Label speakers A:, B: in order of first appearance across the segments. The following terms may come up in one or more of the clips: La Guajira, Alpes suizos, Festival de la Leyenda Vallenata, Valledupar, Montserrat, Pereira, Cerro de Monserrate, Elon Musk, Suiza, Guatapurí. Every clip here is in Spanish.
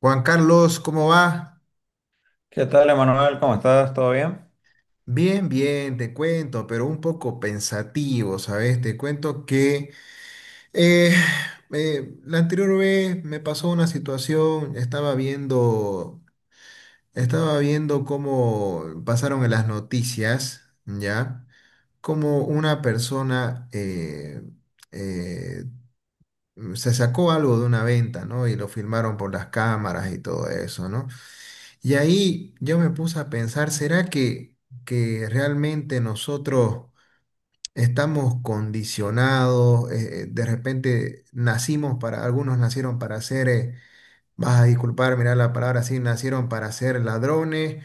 A: Juan Carlos, ¿cómo va?
B: ¿Qué tal, Emanuel? ¿Cómo estás? ¿Todo bien?
A: Bien, bien, te cuento, pero un poco pensativo, ¿sabes? Te cuento que eh, la anterior vez me pasó una situación, estaba viendo cómo pasaron en las noticias, ¿ya? Cómo una persona eh, se sacó algo de una venta, ¿no? Y lo filmaron por las cámaras y todo eso, ¿no? Y ahí yo me puse a pensar, ¿será que realmente nosotros estamos condicionados? De repente nacimos para, algunos nacieron para ser, vas a disculpar, mirar la palabra así, nacieron para ser ladrones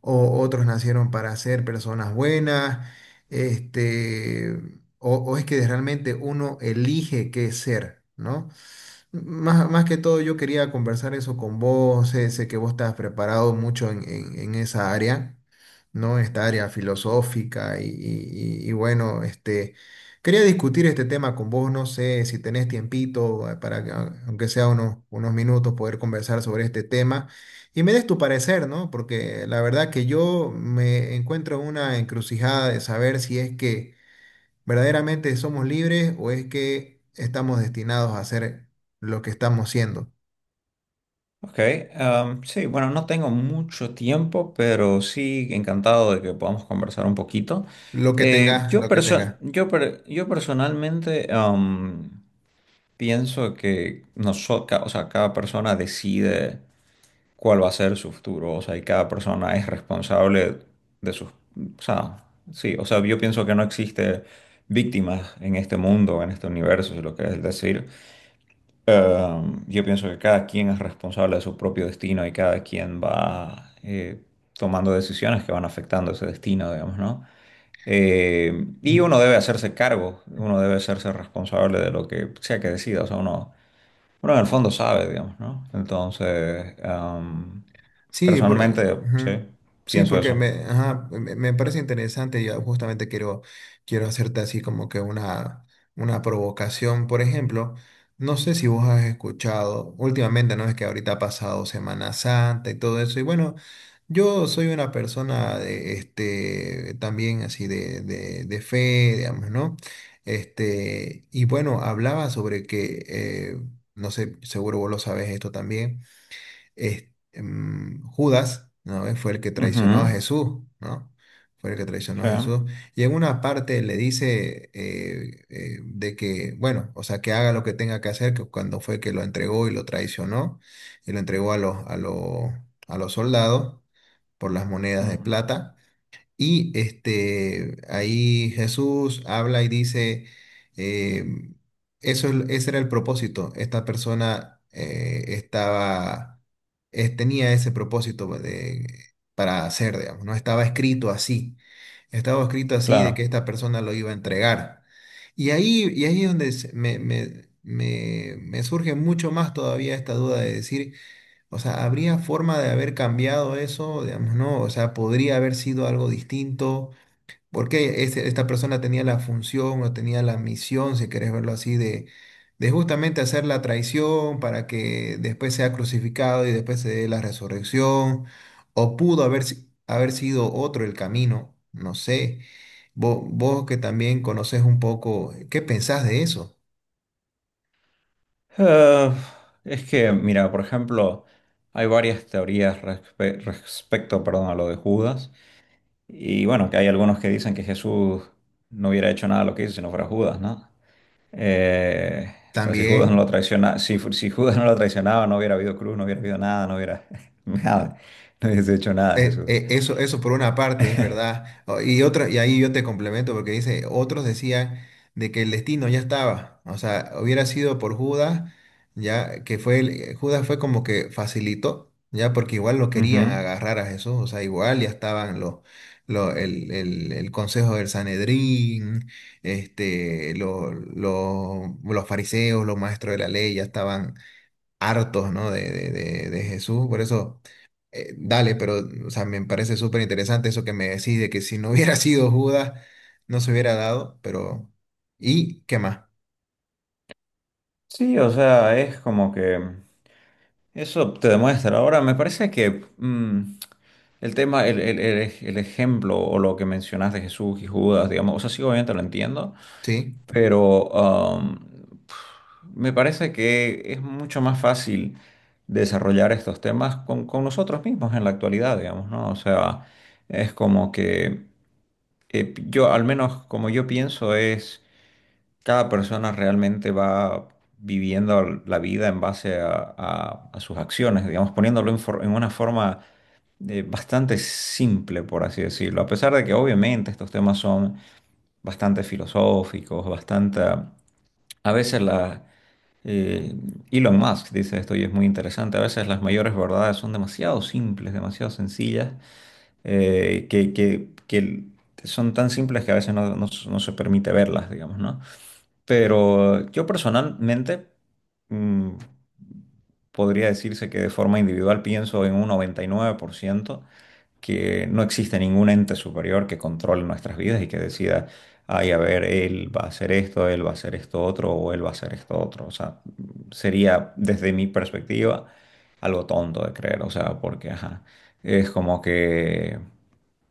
A: o otros nacieron para ser personas buenas, este, o es que realmente uno elige qué es ser, ¿no? Más que todo yo quería conversar eso con vos, sé que vos estás preparado mucho en, en esa área, ¿no? Esta área filosófica y bueno, este, quería discutir este tema con vos, no sé si tenés tiempito para que, aunque sea unos minutos, poder conversar sobre este tema y me des tu parecer, ¿no? Porque la verdad que yo me encuentro en una encrucijada de saber si es que ¿verdaderamente somos libres o es que estamos destinados a hacer lo que estamos siendo?
B: Ok. Sí, bueno, no tengo mucho tiempo, pero sí encantado de que podamos conversar un poquito.
A: Lo que tengas,
B: Yo,
A: lo que tengas.
B: perso- yo, per- yo personalmente pienso que nosotros, o sea, cada persona decide cuál va a ser su futuro, o sea, y cada persona es responsable de sus... O sea, sí, o sea, yo pienso que no existe víctimas en este mundo, en este universo, si lo que es decir. Yo pienso que cada quien es responsable de su propio destino y cada quien va tomando decisiones que van afectando ese destino, digamos, ¿no? Y uno debe hacerse cargo, uno debe hacerse responsable de lo que sea que decida, o sea, uno en el fondo sabe, digamos, ¿no? Entonces,
A: Sí,
B: personalmente, sí,
A: ujú. Sí,
B: pienso
A: porque
B: eso.
A: ajá, me parece interesante. Yo justamente quiero hacerte así como que una provocación. Por ejemplo, no sé si vos has escuchado últimamente, ¿no? Es que ahorita ha pasado Semana Santa y todo eso. Y bueno, yo soy una persona de, este, también así de fe, digamos, ¿no? Este, y bueno, hablaba sobre que, no sé, seguro vos lo sabes esto también Judas, ¿no? Fue el que
B: Ujú,
A: traicionó a Jesús, ¿no? Fue el que traicionó a
B: sí,
A: Jesús. Y en una parte le dice de que, bueno, o sea, que haga lo que tenga que hacer, que cuando fue que lo entregó y lo traicionó, y lo entregó a los soldados por las monedas de
B: ujú,
A: plata. Y este, ahí Jesús habla y dice, eh, ese era el propósito. Esta persona tenía ese propósito para hacer, digamos, no estaba escrito así. Estaba escrito así de que
B: claro.
A: esta persona lo iba a entregar. Y ahí es donde me surge mucho más todavía esta duda de decir, o sea, ¿habría forma de haber cambiado eso? Digamos, ¿no? O sea, podría haber sido algo distinto. Porque esta persona tenía la función o tenía la misión, si querés verlo así, de justamente hacer la traición para que después sea crucificado y después se dé la resurrección. O pudo haber, si- haber sido otro el camino, no sé. Vos que también conoces un poco, ¿qué pensás de eso?
B: Eh, es que, mira, por ejemplo, hay varias teorías respecto, perdón, a lo de Judas. Y bueno, que hay algunos que dicen que Jesús no hubiera hecho nada de lo que hizo si no fuera Judas, ¿no? O sea, si Judas no lo
A: También.
B: traiciona, si Judas no lo traicionaba, no hubiera habido cruz, no hubiera habido nada, no hubiera nada, no hubiese hecho nada
A: Eh,
B: Jesús.
A: eh, eso, eso por una parte es verdad. Y otra, y ahí yo te complemento porque dice, otros decían de que el destino ya estaba. O sea, hubiera sido por Judas, ya que fue Judas fue como que facilitó, ya porque igual lo
B: Ujú.
A: querían agarrar a Jesús. O sea, igual ya estaban los, lo- el consejo del Sanedrín, este, los fariseos, los maestros de la ley, ya estaban hartos, ¿no? De Jesús. Por eso, dale, pero, o sea, me parece súper interesante eso que me decís de que si no hubiera sido Judas, no se hubiera dado, pero... ¿Y qué más?
B: Sí, o sea, es como que. Eso te demuestra. Ahora, me parece que el tema, el ejemplo o lo que mencionaste, Jesús y Judas, digamos, o sea, sí, obviamente lo entiendo,
A: ¿Sí?
B: pero me parece que es mucho más fácil desarrollar estos temas con nosotros mismos en la actualidad, digamos, ¿no? O sea, es como que yo, al menos como yo pienso, es... Cada persona realmente va viviendo la vida en base a, a sus acciones, digamos, poniéndolo en, en una forma bastante simple, por así decirlo. A pesar de que obviamente estos temas son bastante filosóficos, bastante... A veces la... eh, Elon Musk dice esto y es muy interesante. A veces las mayores verdades son demasiado simples, demasiado sencillas, que, que son tan simples que a veces no se permite verlas, digamos, ¿no? Pero yo personalmente mm, podría decirse que de forma individual pienso en un 99% que no existe ningún ente superior que controle nuestras vidas y que decida, ay, a ver, él va a hacer esto, él va a hacer esto otro o él va a hacer esto otro. O sea, sería desde mi perspectiva algo tonto de creer, o sea, porque ajá, es como que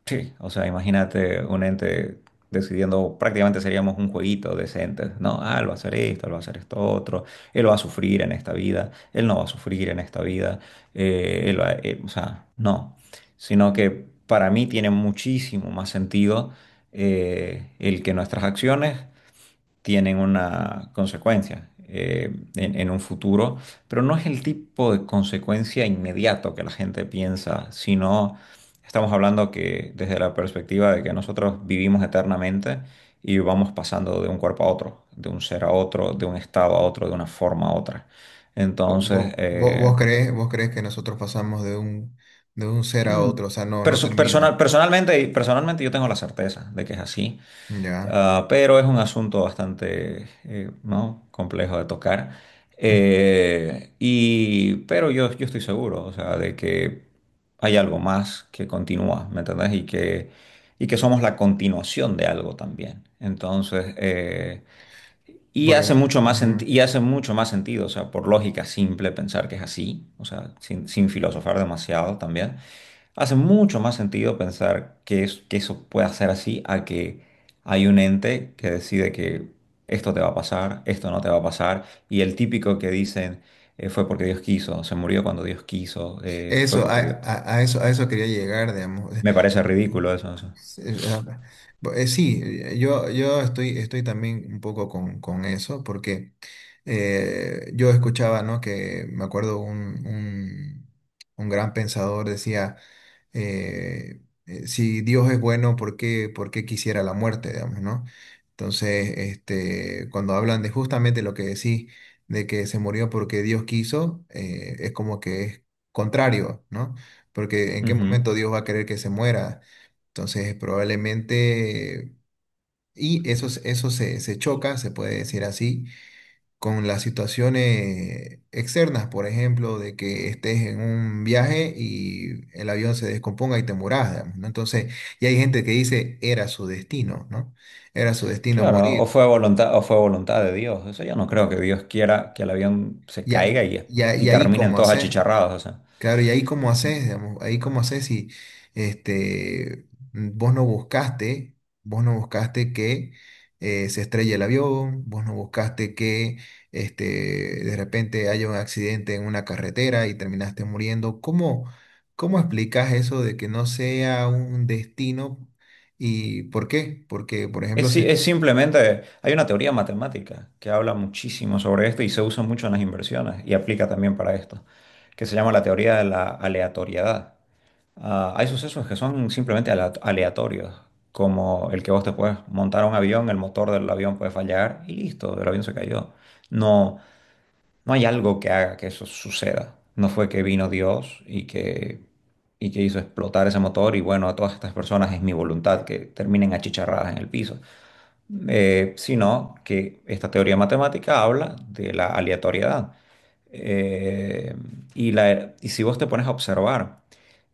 B: sí. O sea, imagínate un ente decidiendo, prácticamente seríamos un jueguito de ese ente. No, ah, él va a hacer esto, él va a hacer esto otro, él va a sufrir en esta vida, él no va a sufrir en esta vida, o sea, no. Sino que para mí tiene muchísimo más sentido el que nuestras acciones tienen una consecuencia en un futuro, pero no es el tipo de consecuencia inmediato que la gente piensa, sino estamos hablando que desde la perspectiva de que nosotros vivimos eternamente y vamos pasando de un cuerpo a otro, de un ser a otro, de un estado a otro, de una forma a otra. Entonces,
A: ¿Vos, vos, vos crees, vos crees que nosotros pasamos de un ser a
B: mm,
A: otro? O sea, no, no termina.
B: personalmente yo tengo la certeza de que es así.
A: Ya.
B: Ah, pero es un asunto bastante ¿no? complejo de tocar.
A: Mm.
B: Pero yo estoy seguro, o sea, de que hay algo más que continúa, ¿me entendés? Y que somos la continuación de algo también. Entonces, y
A: Por,
B: hace
A: e-
B: mucho más
A: Ujú.
B: y hace mucho más sentido, o sea, por lógica simple pensar que es así, o sea, sin filosofar demasiado también, hace mucho más sentido pensar que, que eso pueda ser así a que hay un ente que decide que esto te va a pasar, esto no te va a pasar, y el típico que dicen fue porque Dios quiso, se murió cuando Dios quiso, fue
A: Eso, a,
B: porque Dios...
A: a- a eso, a eso quería llegar, digamos.
B: Me parece ridículo eso, eso.
A: Sí, sí, yo estoy también un poco con eso, porque yo escuchaba, ¿no? Que me acuerdo un gran pensador decía, eh, si Dios es bueno, ¿por qué quisiera la muerte, digamos, ¿no? Entonces, este, cuando hablan de justamente lo que decís, de que se murió porque Dios quiso, es como que es contrario, ¿no? Porque ¿en qué
B: Ujú.
A: momento Dios va a querer que se muera? Entonces, probablemente, y eso se choca, se puede decir así, con las situaciones externas, por ejemplo, de que estés en un viaje y el avión se descomponga y te mueras, digamos, ¿no? Entonces, y hay gente que dice, era su destino, ¿no? Era su destino
B: Claro,
A: morir.
B: o fue voluntad de Dios. Eso yo no creo que Dios quiera que el avión se
A: Y,
B: caiga
A: a- y, a-
B: y
A: y ahí,
B: terminen
A: ¿cómo
B: todos
A: haces?
B: achicharrados. O sea.
A: Claro, y ahí cómo
B: Ujú.
A: haces, digamos, ahí cómo haces si este, vos no buscaste que se estrelle el avión, vos no buscaste que este, de repente haya un accidente en una carretera y terminaste muriendo. ¿Cómo explicas eso de que no sea un destino y por qué? Porque, por ejemplo,
B: Es,
A: se...
B: es simplemente, hay una teoría matemática que habla muchísimo sobre esto y se usa mucho en las inversiones y aplica también para esto, que se llama la teoría de la aleatoriedad. Ah, hay sucesos que son simplemente aleatorios, como el que vos te puedes montar a un avión, el motor del avión puede fallar y listo, el avión se cayó. No. No hay algo que haga que eso suceda. No fue que vino Dios y que hizo explotar ese motor y bueno, a todas estas personas es mi voluntad que terminen achicharradas en el piso. Sino que esta teoría matemática habla de la aleatoriedad. Eh, y si vos te pones a observar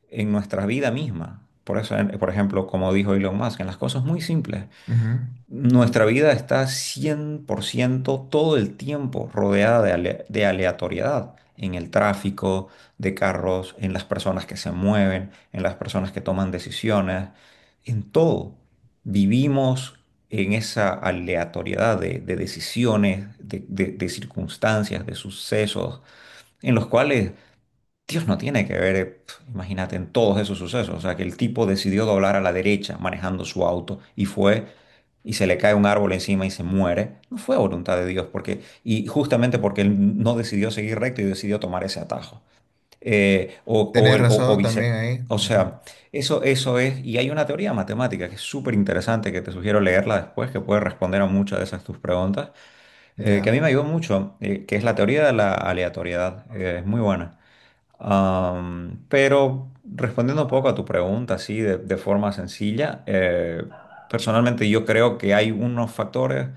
B: en nuestra vida misma, por eso, por ejemplo, como dijo Elon Musk, en las cosas muy simples,
A: Ujú.
B: nuestra vida está 100% todo el tiempo rodeada de, de aleatoriedad, en el tráfico de carros, en las personas que se mueven, en las personas que toman decisiones, en todo. Vivimos en esa aleatoriedad de decisiones, de, de circunstancias, de sucesos, en los cuales Dios no tiene que ver, imagínate, en todos esos sucesos. O sea, que el tipo decidió doblar a la derecha manejando su auto y fue y se le cae un árbol encima y se muere. No fue voluntad de Dios, porque, y justamente porque él no decidió seguir recto y decidió tomar ese atajo. O,
A: Tenés
B: el- o
A: razón
B: vice-
A: también ahí.
B: O
A: Ujú.
B: sea, eso es, y hay una teoría matemática que es súper interesante, que te sugiero leerla después, que puede responder a muchas de esas tus preguntas, que a mí
A: Ya,
B: me ayudó mucho, que es la teoría de la aleatoriedad. Es muy buena. Pero respondiendo un poco a tu pregunta, así de forma sencilla, personalmente yo creo que hay unos factores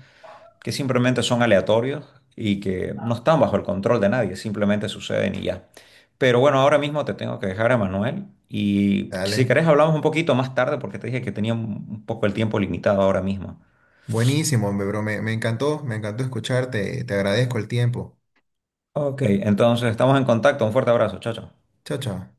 B: que simplemente son aleatorios y que no están bajo el control de nadie, simplemente suceden y ya. Pero bueno, ahora mismo te tengo que dejar a Manuel y si
A: dale.
B: querés hablamos un poquito más tarde porque te dije que tenía un poco el tiempo limitado ahora mismo.
A: Buenísimo, hombre, bro. Me encantó escucharte. Te agradezco el tiempo.
B: Ok, entonces estamos en contacto. Un fuerte abrazo, chao, chao.
A: Chao, chao.